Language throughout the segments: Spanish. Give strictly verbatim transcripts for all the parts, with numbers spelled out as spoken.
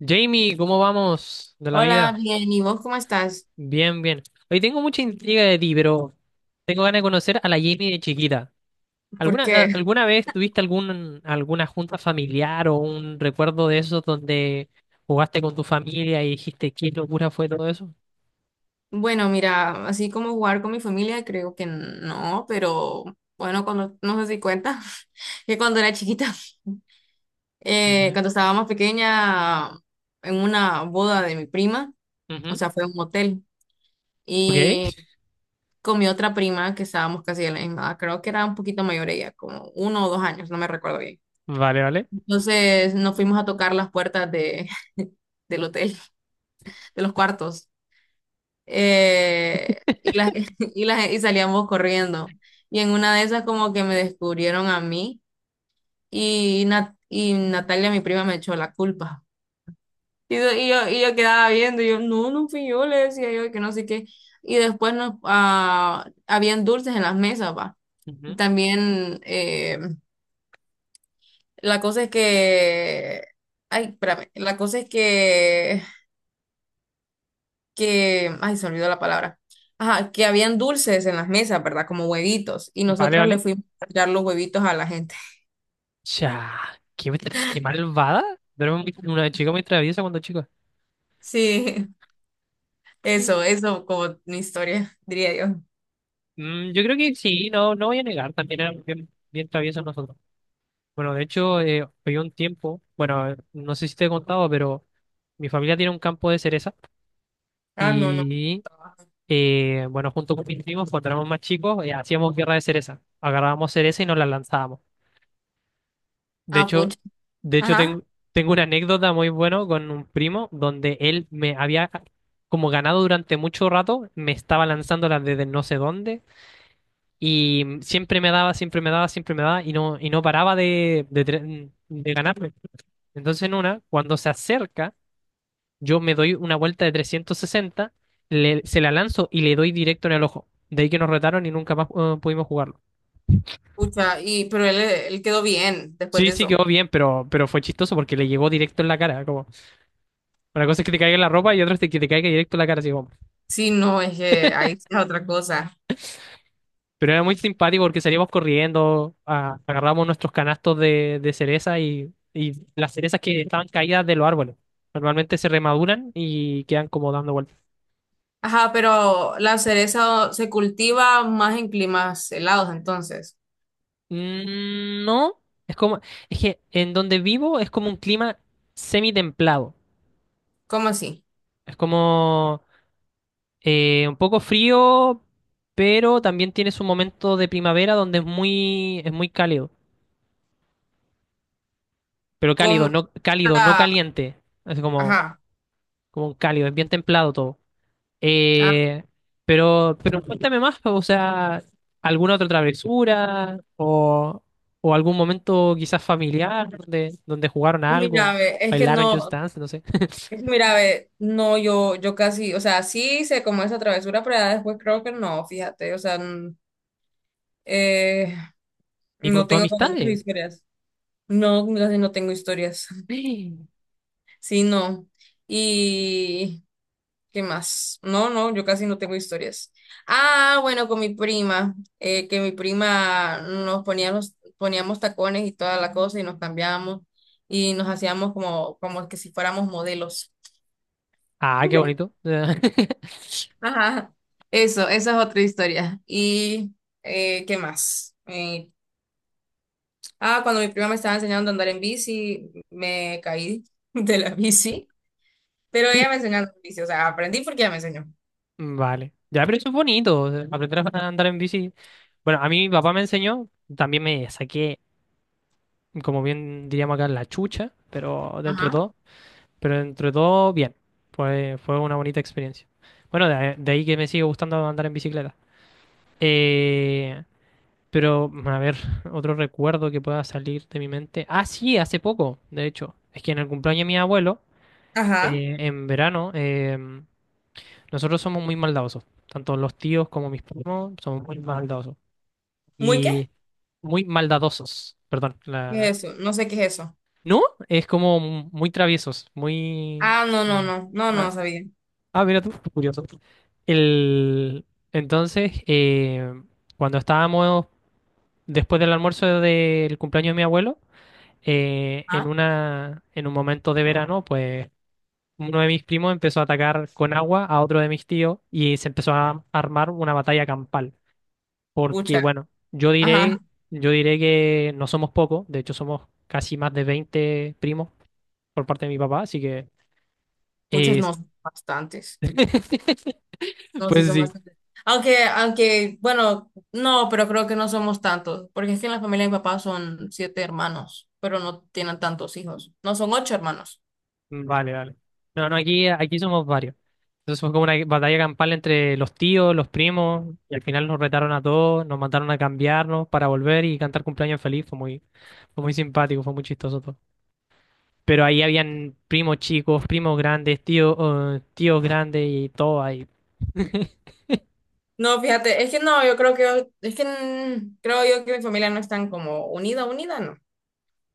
Jamie, ¿cómo vamos de la Hola, vida? bien, ¿y vos cómo estás? Bien, bien. Hoy tengo mucha intriga de ti, pero tengo ganas de conocer a la Jamie de chiquita. ¿Alguna, Porque, a- alguna vez tuviste algún, alguna junta familiar o un recuerdo de esos donde jugaste con tu familia y dijiste qué locura fue todo eso? bueno, mira, así como jugar con mi familia, creo que no, pero bueno, cuando, no sé si cuenta, que cuando era chiquita, eh, Ya. cuando estaba más pequeña, en una boda de mi prima, o Ujú. sea, fue a un motel Ok, y con mi otra prima, que estábamos casi de la misma edad, creo que era un poquito mayor ella, como uno o dos años, no me recuerdo bien. vale, vale. Entonces nos fuimos a tocar las puertas de, del hotel, de los cuartos. eh, y, las, y, las, y salíamos corriendo. Y en una de esas como que me descubrieron a mí y, Nat- y Natalia, mi prima, me echó la culpa. Y, yo, y yo y yo quedaba viendo y yo, no, no fui yo, le decía yo que no sé qué. Y después nos, ah, habían dulces en las mesas, va. Ujú. También eh, la cosa es que... Ay, espérame. La cosa es que que, ay, se olvidó la palabra. Ajá, que habían dulces en las mesas, ¿verdad? Como huevitos. Y Vale, nosotras le vale. fuimos a tirar los huevitos a la gente. Ya, qué, tra- qué malvada. Pero era muy una chica muy traviesa cuando chica. Sí, eso, eso como mi historia, diría yo. Mm, yo creo que sí, no, no voy a negar, también era bien, bien traviesa nosotros. Bueno, de hecho, eh, fue un tiempo, bueno, no sé si te he contado, pero mi familia tiene un campo de cereza Ah, no, no. y, eh, bueno, junto con mis primos, cuando éramos más chicos, eh, hacíamos guerra de cereza. Agarrábamos cereza y nos la lanzábamos. De Ah, hecho, pucha. de hecho Ajá, tengo, tengo una anécdota muy buena con un primo donde él me había como ganado durante mucho rato, me estaba lanzándola desde no sé dónde. Y mm, siempre me daba, siempre me daba, siempre me daba y no, y no paraba de, de, tre- de ganarme. Entonces en una, cuando se acerca, yo me doy una vuelta de trescientos sesenta, le- se la lanzo y le doy directo en el ojo. De ahí que nos retaron y nunca más eh, pudimos jugarlo. pucha. Y, pero él, él quedó bien después Sí, de sí eso. quedó bien, pero, pero fue chistoso porque le llegó directo en la cara. Como, una cosa es que te caiga en la ropa y otra es que te caiga directo en la cara. Así, como, Sí, no, es que ahí es otra cosa. pero era muy simpático porque salíamos corriendo, a- agarramos nuestros canastos de, de cereza y, y las cerezas que estaban caídas de los árboles. Normalmente se remaduran y quedan como dando vueltas. Ajá, pero la cereza se cultiva más en climas helados, entonces. Mm, no, es como, es que en donde vivo es como un clima semi-templado. ¿Cómo así? Es como eh, un poco frío, pero también tiene su momento de primavera donde es muy, es muy cálido. Pero cálido, ¿Cómo? no, cálido, no La- caliente. Es como, Ajá. como un cálido, es bien templado todo. Ah, Eh, pero, pero cuéntame más, o sea, ¿alguna otra travesura o, o algún momento quizás familiar donde, donde jugaron a algo, mira, ve, es que bailaron Just no. Dance, no sé, Mira, ve, no, yo, yo casi, o sea, sí hice como esa travesura, pero ya después creo que no, fíjate, o sea, n- eh, ni con no tus tengo como muchas amistades? historias. No, no, casi no tengo historias. Sí, no. ¿Y qué más? No, no, yo casi no tengo historias. Ah, bueno, con mi prima, eh, que mi prima nos poníamos, poníamos tacones y toda la cosa y nos cambiábamos y nos hacíamos como, como que si fuéramos modelos. Ah, qué bonito. Ajá, eso, esa es otra historia. ¿Y eh, qué más? Eh, ah, cuando mi prima me estaba enseñando a andar en bici, me caí de la bici, pero ella me enseñó a andar en bici, o sea, aprendí porque ella me enseñó. Vale. Ya, pero eso es bonito, o sea, aprender a andar en bici. Bueno, a mí mi papá me enseñó, también me saqué, como bien diríamos acá, la chucha, pero dentro de Ajá. todo. Pero entre todo, bien. Fue, fue una bonita experiencia. Bueno, de, de ahí que me sigue gustando andar en bicicleta. Eh, pero, bueno, a ver, otro recuerdo que pueda salir de mi mente. Ah, sí, hace poco, de hecho. Es que en el cumpleaños de mi abuelo, Ajá, eh, en verano, eh, nosotros somos muy maldadosos. Tanto los tíos como mis primos somos muy maldadosos. ¿muy qué? Y muy maldadosos, perdón. ¿Qué la- es eso? No sé qué es eso. ¿No? Es como muy traviesos, muy... Ah, no, no, no, no, no Ah. sabía. Ah, mira tú, curioso. El... Entonces, eh, cuando estábamos después del almuerzo del cumpleaños de mi abuelo, eh, en Ah, una, en un momento de verano, pues uno de mis primos empezó a atacar con agua a otro de mis tíos y se empezó a armar una batalla campal. Porque, pucha, bueno, yo ajá, diré, yo diré que no somos pocos, de hecho somos casi más de veinte primos por parte de mi papá, así que... puchas eh, no, son bastantes. No, sí pues son sí, bastantes. Aunque, aunque, bueno, no, pero creo que no somos tantos, porque es que en la familia de mi papá son siete hermanos, pero no tienen tantos hijos. No, son ocho hermanos. vale, vale. No, no, aquí, aquí somos varios. Entonces fue como una batalla campal entre los tíos, los primos, y al final nos retaron a todos, nos mandaron a cambiarnos para volver y cantar cumpleaños feliz. Fue muy, fue muy simpático, fue muy chistoso todo. Pero ahí habían primos chicos, primos grandes, tíos, eh, tíos grandes y todo ahí. No, fíjate, es que no, yo creo que, es que mm, creo yo que mi familia no es tan como unida, unida, no.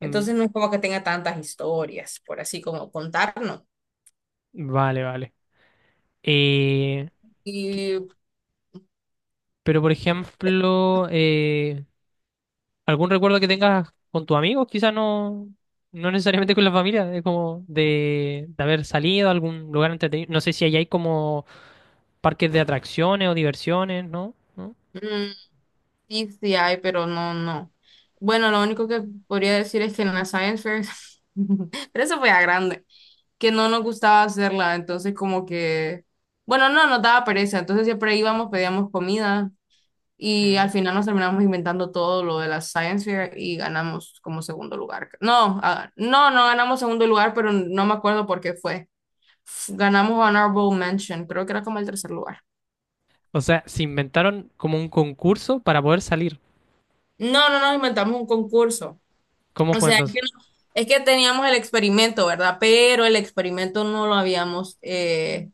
Mm, no es como que tenga tantas historias, por así como contarnos. vale, vale. Eh, que- Y pero por ejemplo, eh, ¿algún recuerdo que tengas con tus amigos? Quizás no, no necesariamente con la familia, es como de, de haber salido a algún lugar entretenido. No sé si allá hay como parques de atracciones o diversiones, ¿no? ¿No? mm, sí, sí hay, pero no, no. Bueno, lo único que podría decir es que en la Science Fair, pero eso fue a grande. Que no nos gustaba hacerla, entonces como que, bueno, no, nos daba pereza, entonces siempre íbamos, pedíamos comida y al Ujú. final nos terminamos inventando todo lo de la Science Fair y ganamos como segundo lugar. No, ah, no, no ganamos segundo lugar, pero no me acuerdo por qué fue. F- Ganamos Honorable Mention, creo que era como el tercer lugar. O sea, se inventaron como un concurso para poder salir. No, no nos inventamos un concurso. ¿Cómo O fue sea, es que, entonces? es que teníamos el experimento, ¿verdad? Pero el experimento no lo habíamos, eh,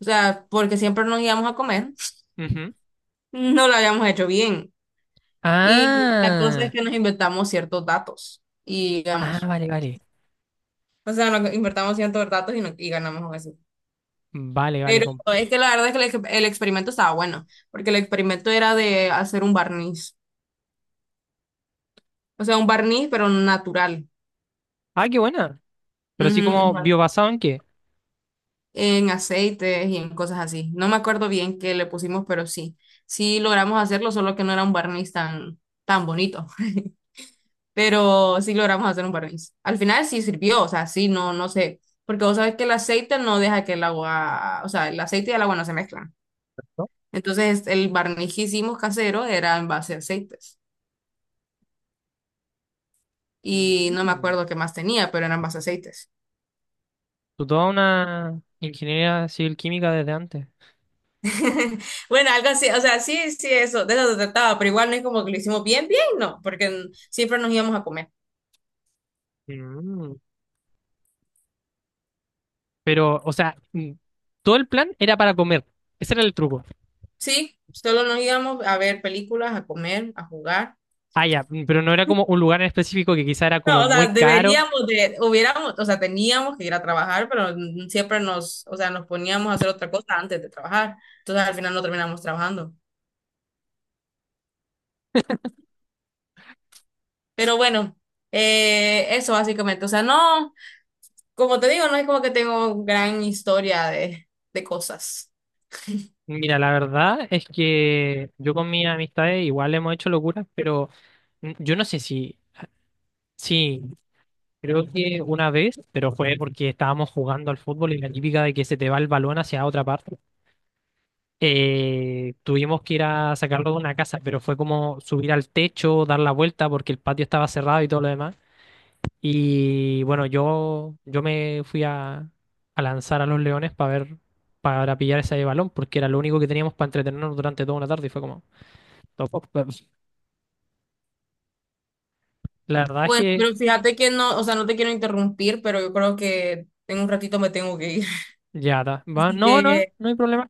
o sea, porque siempre nos íbamos a comer. Ujú. No lo habíamos hecho bien. Y la cosa es Ah, que nos inventamos ciertos datos y ah, digamos, vale, vale. o sea, nos invertamos ciertos datos y, no- y ganamos eso. Vale, vale, Pero compa. es que la verdad es que el, ex- el experimento estaba bueno, porque el experimento era de hacer un barniz, o sea, un barniz pero natural. Ah, qué buena. Pero así, Ujú, ¿como un biobasado en qué? en aceites y en cosas así. No me acuerdo bien qué le pusimos, pero sí, sí logramos hacerlo, solo que no era un barniz tan, tan bonito. Pero sí logramos hacer un barniz. Al final sí sirvió, o sea, sí, no, no sé, porque vos sabes que el aceite no deja que el agua, o sea, el aceite y el agua no se mezclan. ¿No? Entonces, el barniz que hicimos casero era en base a aceites. Y no me Mm. acuerdo qué más tenía, pero eran base a aceites. Tú toda una ingeniería civil química desde antes. Bueno, algo así, o sea, sí, sí, eso, de eso se trataba, pero igual no es como que lo hicimos bien, bien, no, porque siempre nos íbamos a comer. Mm. Pero, o sea, mm, todo el plan era para comer. Ese era el truco. Sí, solo nos íbamos a ver películas, a comer, a jugar. Ah, ya, mm, pero no era como un lugar en específico que quizá era como No, o sea, muy caro. deberíamos de, hubiéramos, o sea, teníamos que ir a trabajar, pero siempre nos, o sea, nos poníamos a hacer otra cosa antes de trabajar. Entonces al final no terminamos trabajando. Pero bueno, eh, eso básicamente. O sea, no, como te digo, no es como que tengo gran historia de, de cosas. Mira, la verdad es que yo con mis amistades igual hemos hecho locuras, pero mm, yo no sé si, sí, creo que una vez, pero fue porque estábamos jugando al fútbol y la típica de que se te va el balón hacia otra parte. Eh, tuvimos que ir a sacarlo de una casa, pero fue como subir al techo, dar la vuelta porque el patio estaba cerrado y todo lo demás. Y bueno, yo, yo me fui a, a lanzar a los leones para ver, para pillar ese balón, porque era lo único que teníamos para entretenernos durante toda una tarde. Y fue como, "No, po, po". La verdad es Bueno, que pero fíjate que no, o sea, no te quiero interrumpir, pero yo creo que en un ratito me tengo que ir. ya está. Va, Así no, no, no que no hay problema.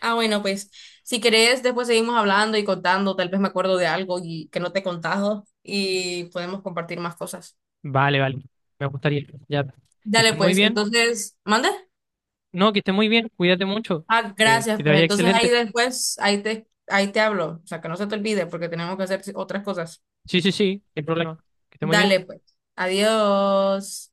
ah, bueno, pues si querés, después seguimos hablando y contando, tal vez me acuerdo de algo y que no te he contado y podemos compartir más cosas. Vale, vale, me gustaría. Ya está. Que Dale, estés muy pues, bien. entonces, ¿mande? No, que estés muy bien, cuídate mucho. Ah, Eh, Que gracias, te pues vaya entonces ahí excelente. después, ahí te, ahí te hablo, o sea, que no se te olvide porque tenemos que hacer otras cosas. Sí, sí, sí, no hay problema. Que estés muy bien. Dale, pues, adiós.